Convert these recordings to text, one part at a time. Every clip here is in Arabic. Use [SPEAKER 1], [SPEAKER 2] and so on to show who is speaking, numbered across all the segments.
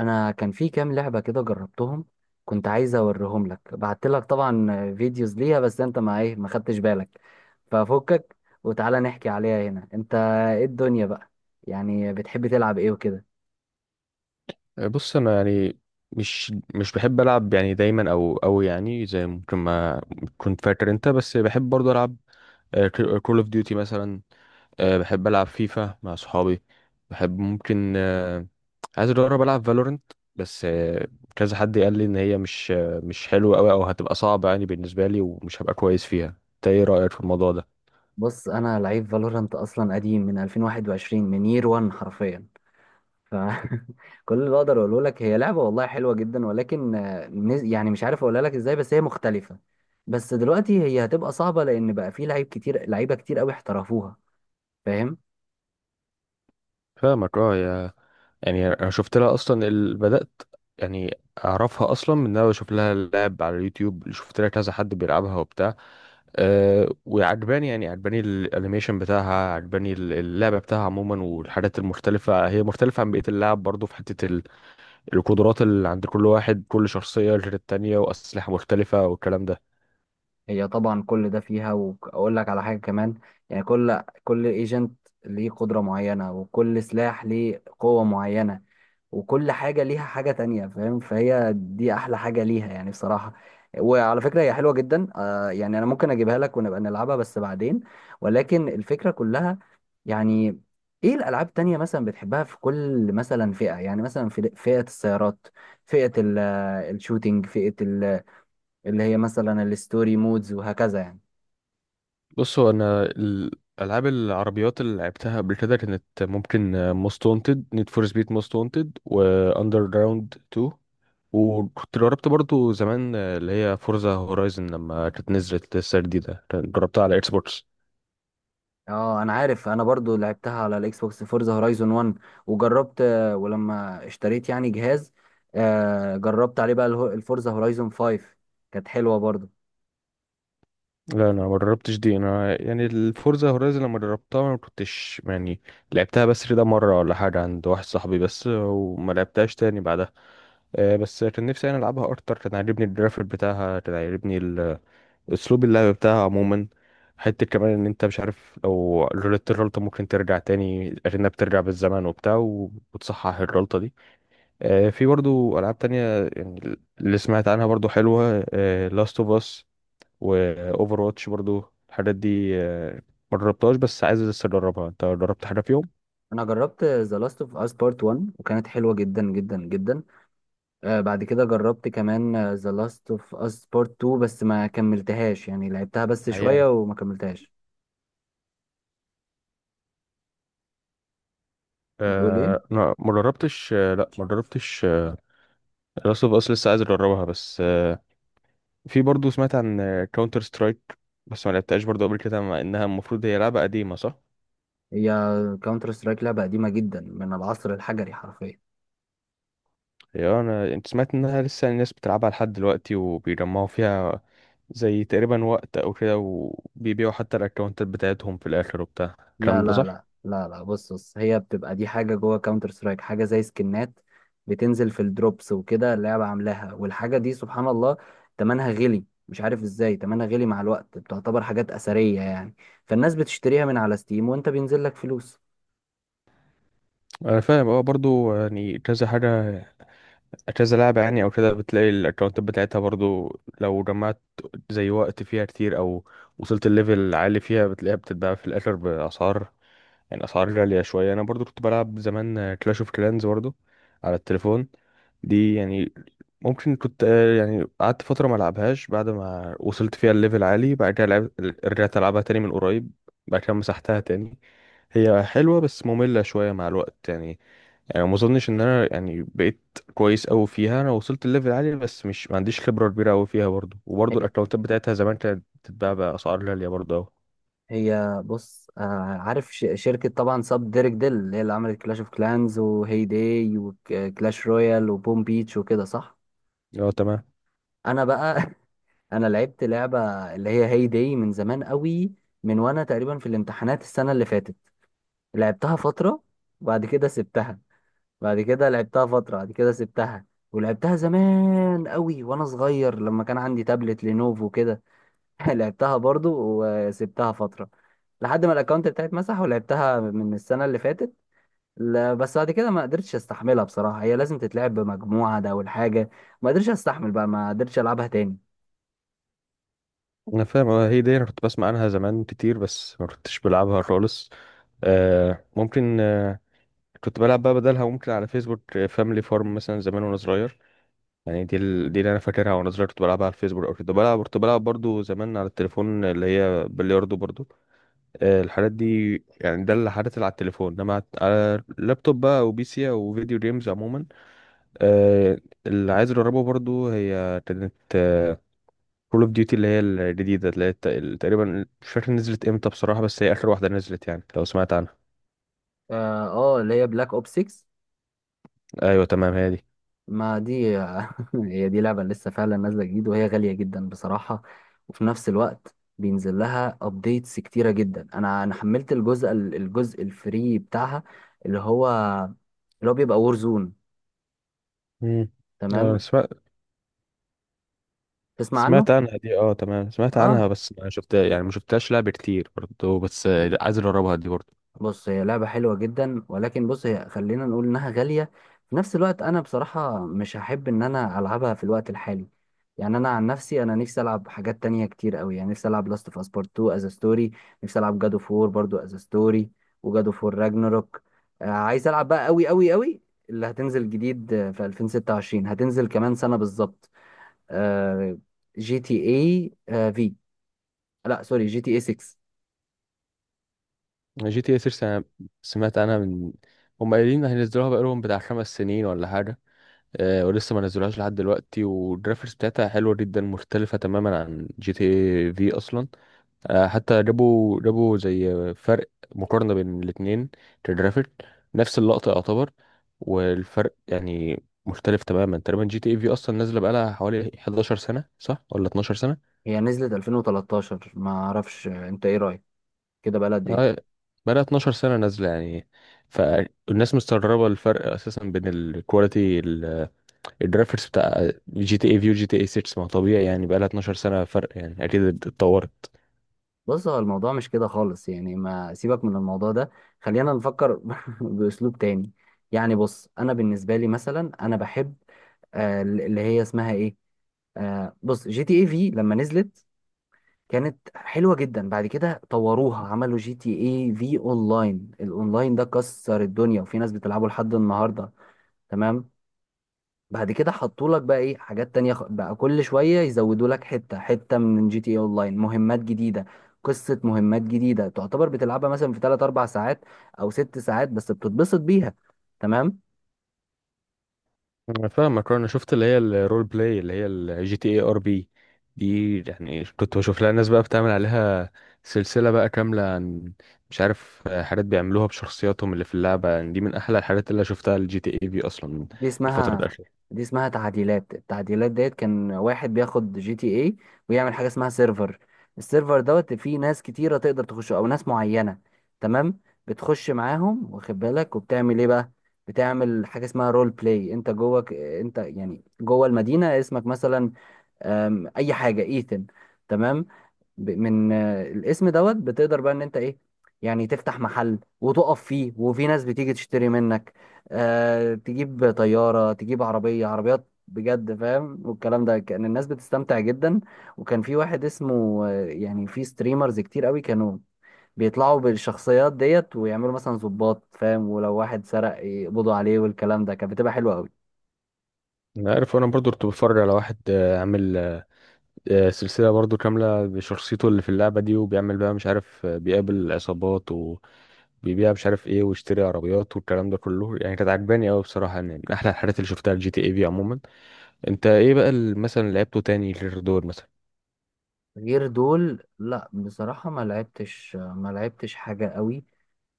[SPEAKER 1] انا كان في كام لعبه كده جربتهم. كنت عايز اوريهم لك، بعت لك طبعا فيديوز ليها، بس انت ما ايه ما خدتش بالك. ففكك وتعالى نحكي عليها هنا. انت ايه الدنيا بقى؟ يعني بتحب تلعب ايه وكده؟
[SPEAKER 2] بص انا يعني مش بحب العب يعني دايما او يعني زي ممكن ما كنت فاكر انت. بس بحب برضه العب كول اوف ديوتي مثلا. بحب العب فيفا مع صحابي. بحب ممكن، عايز اجرب العب فالورنت. بس كذا حد قال لي ان هي مش حلوه قوي او هتبقى صعبه يعني بالنسبه لي، ومش هبقى كويس فيها. انت ايه رايك في الموضوع ده؟
[SPEAKER 1] بص، انا لعيب فالورانت اصلا قديم من 2021، من يير 1 حرفيا. ف كل اللي اقدر اقوله لك، هي لعبه والله حلوه جدا، ولكن يعني مش عارف اقولها لك ازاي، بس هي مختلفه. بس دلوقتي هي هتبقى صعبه، لان بقى في لعيب كتير، لعيبه كتير قوي احترفوها. فاهم؟
[SPEAKER 2] فاهمك اه يعني انا شفت لها اصلا بدات. يعني اعرفها اصلا من ان انا بشوف لها لعب على اليوتيوب، شفت لها كذا حد بيلعبها وبتاع. وعجباني، يعني عجباني الانيميشن بتاعها، عجباني اللعبه بتاعها عموما والحاجات المختلفه. هي مختلفه عن بقيه اللعب برضو، في حته القدرات اللي عند كل واحد، كل شخصيه غير التانيه، واسلحه مختلفه والكلام ده.
[SPEAKER 1] هي طبعا كل ده فيها، واقول لك على حاجه كمان. يعني كل ايجنت ليه قدره معينه، وكل سلاح ليه قوه معينه، وكل حاجه ليها حاجه تانية، فاهم؟ فهي دي احلى حاجه ليها يعني بصراحه. وعلى فكره هي حلوه جدا. يعني انا ممكن اجيبها لك ونبقى نلعبها بس بعدين. ولكن الفكره كلها يعني، ايه الالعاب التانية مثلا بتحبها في كل مثلا فئه؟ يعني مثلا في فئه السيارات، فئه ال- الشوتينج، فئه اللي هي مثلا الستوري مودز، وهكذا يعني.
[SPEAKER 2] بص هو انا الالعاب العربيات اللي لعبتها قبل كده كانت ممكن موست وانتد، نيد فور سبيد موست وانتد، واندر جراوند 2. وكنت جربت برضو زمان اللي هي فورزا هورايزن، لما كانت نزلت لسه جديدة جربتها على اكس بوكس.
[SPEAKER 1] اه، انا عارف، انا برضو لعبتها على الاكس بوكس، فورزا هورايزون 1. وجربت ولما اشتريت يعني جهاز، جربت عليه بقى الفورزا هورايزون 5، كانت حلوة برضو.
[SPEAKER 2] لا، انا ما جربتش دي. انا يعني الفورزا هورايزن لما جربتها ما كنتش يعني لعبتها، بس كده مرة ولا حاجة عند واحد صاحبي بس، وما لعبتهاش تاني بعدها. بس كان نفسي انا العبها اكتر. كان عاجبني الجرافيك بتاعها، كان عاجبني اسلوب اللعب بتاعها عموما. حتة كمان ان انت مش عارف لو غلطت الغلطة، ممكن ترجع تاني اكنك بترجع بالزمن وبتاع وتصحح الغلطة دي. في برضو ألعاب تانية يعني اللي سمعت عنها برضو حلوة: لاست اوف اس، وأوفر واتش برضو. الحاجات دي ما جربتهاش بس عايز لسه أجربها. أنت جربت حاجة فيهم؟
[SPEAKER 1] انا جربت ذا لاست اوف اس بارت 1 وكانت حلوة جدا جدا جدا. بعد كده جربت كمان ذا لاست اوف اس بارت 2، بس ما كملتهاش، يعني لعبتها بس
[SPEAKER 2] عيان.
[SPEAKER 1] شوية وما كملتهاش. بتقول ايه؟
[SPEAKER 2] آه، لا، ما جربتش. آه، لا، ما جربتش. لاست اوف اس لسه عايز اجربها بس في برضو سمعت عن كاونتر سترايك، بس ما لعبتهاش برضو قبل كده مع انها المفروض هي لعبة قديمة، صح؟
[SPEAKER 1] هي كاونتر سترايك لعبة قديمة جدا من العصر الحجري حرفيا.
[SPEAKER 2] هي انا انت سمعت انها لسه الناس بتلعبها لحد دلوقتي وبيجمعوا فيها زي تقريبا وقت او كده، وبيبيعوا حتى الاكونتات بتاعتهم في الاخر وبتاع
[SPEAKER 1] لا
[SPEAKER 2] الكلام ده،
[SPEAKER 1] لا
[SPEAKER 2] صح؟
[SPEAKER 1] لا لا لا، بص، هي بتبقى دي حاجة جوه كاونتر سترايك، حاجة زي سكنات بتنزل في الدروبس وكده، اللعبة عاملاها. والحاجة دي سبحان الله تمنها غلي، مش عارف ازاي تمنها غلي مع الوقت، بتعتبر حاجات أثرية يعني. فالناس بتشتريها من على ستيم وانت بينزل لك فلوس.
[SPEAKER 2] انا فاهم، اه. برضو يعني كذا حاجه، كذا لعبه يعني او كده بتلاقي الاكونتات بتاعتها برضو، لو جمعت زي وقت فيها كتير او وصلت الليفل عالي فيها بتلاقيها بتتباع في الاخر باسعار، يعني الاسعار غاليه شويه. انا برضو كنت بلعب زمان كلاش اوف كلانز برضو على التليفون. دي يعني ممكن كنت، يعني قعدت فتره ما العبهاش بعد ما وصلت فيها الليفل عالي. بعد كده رجعت العبها تاني من قريب. بعد كده مسحتها تاني. هي حلوه بس ممله شويه مع الوقت يعني. يعني ما اظنش ان انا يعني بقيت كويس قوي فيها. انا وصلت الليفل عالي بس مش، ما عنديش خبره كبيره قوي فيها برضو،
[SPEAKER 1] هي
[SPEAKER 2] وبرضو الاكونتات بتاعتها زمان كانت بتتباع باسعار غاليه برضو أوي.
[SPEAKER 1] هي بص، عارف شركة طبعا ساب ديريك ديل اللي هي اللي عملت كلاش اوف كلانز وهي داي وكلاش رويال وبوم بيتش وكده، صح؟
[SPEAKER 2] اه، تمام.
[SPEAKER 1] انا بقى انا لعبت لعبه اللي هي هي داي من زمان قوي، من وانا تقريبا في الامتحانات السنه اللي فاتت. لعبتها فتره وبعد كده سبتها، بعد كده لعبتها فتره بعد كده سبتها. ولعبتها زمان قوي وانا صغير لما كان عندي تابلت لينوفو كده لعبتها برضو، وسبتها فتره لحد ما الاكونت بتاعي اتمسح. ولعبتها من السنه اللي فاتت. لا بس بعد كده ما قدرتش استحملها بصراحه، هي لازم تتلعب بمجموعه، ده اول حاجه. ما قدرتش استحمل بقى، ما قدرتش العبها تاني.
[SPEAKER 2] انا فاهم، هي دي انا كنت بسمع عنها زمان كتير بس ما كنتش بلعبها خالص. ممكن، كنت بلعب بقى بدلها ممكن على فيسبوك فاميلي فارم مثلا زمان وانا صغير. يعني دي اللي انا فاكرها وانا صغير، كنت بلعبها على الفيسبوك او كده. بلعب، كنت بلعب برضو زمان على التليفون اللي هي بلياردو برضو. الحاجات دي. يعني ده اللي حدث على التليفون، انما على اللابتوب بقى او بي سي او فيديو جيمز عموما. آه اللي عايز اجربه برضو هي كانت كول اوف ديوتي اللي هي الجديدة، اللي هي تقريبا مش فاكر نزلت امتى بصراحة، بس هي آخر واحدة نزلت، يعني لو سمعت عنها.
[SPEAKER 1] اه، اللي هي بلاك اوب 6.
[SPEAKER 2] ايوه، تمام، هي دي.
[SPEAKER 1] ما دي هي دي لعبة لسه فعلا نازلة جديد، وهي غالية جدا بصراحة. وفي نفس الوقت بينزل لها ابديتس كتيرة جدا. انا حملت الجزء الفري بتاعها، اللي هو اللي هو بيبقى وور زون.
[SPEAKER 2] امم، اه،
[SPEAKER 1] تمام.
[SPEAKER 2] سمعت.
[SPEAKER 1] تسمع عنه؟
[SPEAKER 2] سمعت عنها دي، اه، تمام. سمعت عنها
[SPEAKER 1] اه،
[SPEAKER 2] بس ما شفتها، يعني ما شفتهاش لعب كتير برضه، بس عايز اجربها دي برضه.
[SPEAKER 1] بص هي لعبة حلوة جدا، ولكن بص هي خلينا نقول إنها غالية. في نفس الوقت أنا بصراحة مش هحب إن أنا ألعبها في الوقت الحالي. يعني أنا عن نفسي، أنا نفسي ألعب حاجات تانية كتير أوي. يعني نفسي ألعب لاست أوف أس بارت 2 أز ستوري، نفسي ألعب جادو فور برضو أز ستوري، وجادو فور راجناروك. عايز ألعب بقى أوي أوي أوي اللي هتنزل جديد في 2026، هتنزل كمان سنة بالظبط. آه، جي تي اي في، لا سوري، جي تي اي 6.
[SPEAKER 2] جي تي اي 6، انا سمعت عنها. من هم قايلين هينزلوها بقالهم بتاع 5 سنين ولا حاجة، ولسه ما نزلوهاش لحد دلوقتي. والجرافيكس بتاعتها حلوة جدا، مختلفة تماما عن جي تي اي في اصلا. حتى جابوا زي فرق، مقارنة بين الاتنين كجرافيك، نفس اللقطة يعتبر. والفرق يعني مختلف تماما تقريبا. جي تي اي في اصلا نازلة بقالها حوالي 11 سنة، صح ولا 12 سنة؟
[SPEAKER 1] هي نزلت 2013، ما أعرفش. أنت إيه رأيك كده بقى قد ايه؟
[SPEAKER 2] آه، بقالها 12 سنة نازلة يعني. فالناس مستغربة الفرق اساسا بين الكواليتي الجرافيكس بتاع جي تي اي في وجي تي اي 6. ما هو طبيعي يعني، بقالها 12 سنة فرق، يعني اكيد اتطورت.
[SPEAKER 1] بص، هو الموضوع مش كده خالص يعني، ما سيبك من الموضوع ده، خلينا نفكر باسلوب تاني. يعني بص انا بالنسبه لي مثلا انا بحب، اللي هي اسمها ايه، بص جي تي اي في لما نزلت كانت حلوه جدا، بعد كده طوروها، عملوا جي تي اي في اونلاين. الاونلاين ده كسر الدنيا وفي ناس بتلعبه لحد النهارده. تمام. بعد كده حطوا لك بقى ايه حاجات تانية، بقى كل شوية يزودوا لك حتة حتة من جي تي اي اونلاين مهمات جديدة، قصة مهمات جديدة تعتبر، بتلعبها مثلا في 3 4 ساعات او 6 ساعات بس بتتبسط بيها. تمام.
[SPEAKER 2] انا فاهمك. انا شفت اللي هي الرول بلاي، اللي هي الجي تي اي ار بي. دي يعني كنت بشوف لها ناس بقى بتعمل عليها سلسلة بقى كاملة، عن مش عارف حاجات بيعملوها بشخصياتهم اللي في اللعبة. يعني دي من احلى الحاجات اللي شفتها الجي تي اي في اصلا
[SPEAKER 1] دي
[SPEAKER 2] الفترة
[SPEAKER 1] اسمها
[SPEAKER 2] الأخيرة.
[SPEAKER 1] دي اسمها تعديلات. التعديلات ديت كان واحد بياخد جي تي اي، ويعمل حاجه اسمها سيرفر. السيرفر دوت فيه ناس كتيره تقدر تخش او ناس معينه. تمام. بتخش معاهم، واخد بالك؟ وبتعمل ايه بقى؟ بتعمل حاجه اسمها رول بلاي، انت جواك انت يعني جوه المدينه، اسمك مثلا اي حاجه، ايثن. تمام. من الاسم دوت بتقدر بقى ان انت ايه، يعني تفتح محل وتقف فيه وفي ناس بتيجي تشتري منك. آه تجيب طيارة، تجيب عربية، عربيات بجد، فاهم؟ والكلام ده، كان الناس بتستمتع جدا. وكان في واحد اسمه، يعني في ستريمرز كتير قوي كانوا بيطلعوا بالشخصيات ديت، ويعملوا مثلا ضباط، فاهم؟ ولو واحد سرق يقبضوا عليه، والكلام ده، كانت بتبقى حلوة قوي.
[SPEAKER 2] انا عارف انا برضو كنت بتفرج على واحد عامل سلسلة برضو كاملة بشخصيته اللي في اللعبة دي، وبيعمل بقى مش عارف، بيقابل عصابات وبيبيع مش عارف ايه، ويشتري عربيات والكلام ده كله. يعني كانت عجباني قوي بصراحة، يعني من احلى الحاجات اللي شفتها الجي تي اي في عموما. انت ايه بقى مثلا لعبته تاني غير دول مثلا؟
[SPEAKER 1] غير دول، لا بصراحة ما لعبتش، ما لعبتش حاجة قوي.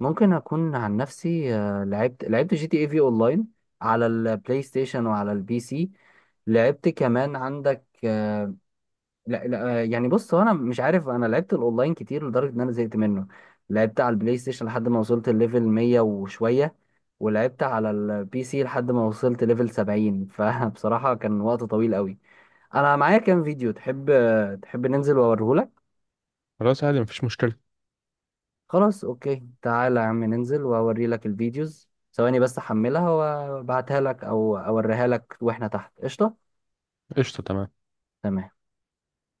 [SPEAKER 1] ممكن اكون عن نفسي لعبت جي تي اي في اونلاين على البلاي ستيشن وعلى البي سي. لعبت كمان عندك، لا لا، يعني بص هو انا مش عارف، انا لعبت الاونلاين كتير لدرجه ان انا زهقت منه. لعبت على البلاي ستيشن لحد ما وصلت الليفل 100 وشويه، ولعبت على البي سي لحد ما وصلت ليفل 70. فبصراحه كان وقت طويل قوي. انا معايا كام فيديو، تحب تحب ننزل واوريهولك؟
[SPEAKER 2] خلاص، عادي، مفيش مشكلة.
[SPEAKER 1] خلاص اوكي، تعالى يا عم ننزل واوري لك الفيديوز، ثواني بس احملها وابعتها لك او اوريها لك واحنا تحت، قشطة.
[SPEAKER 2] قشطة، تمام.
[SPEAKER 1] تمام.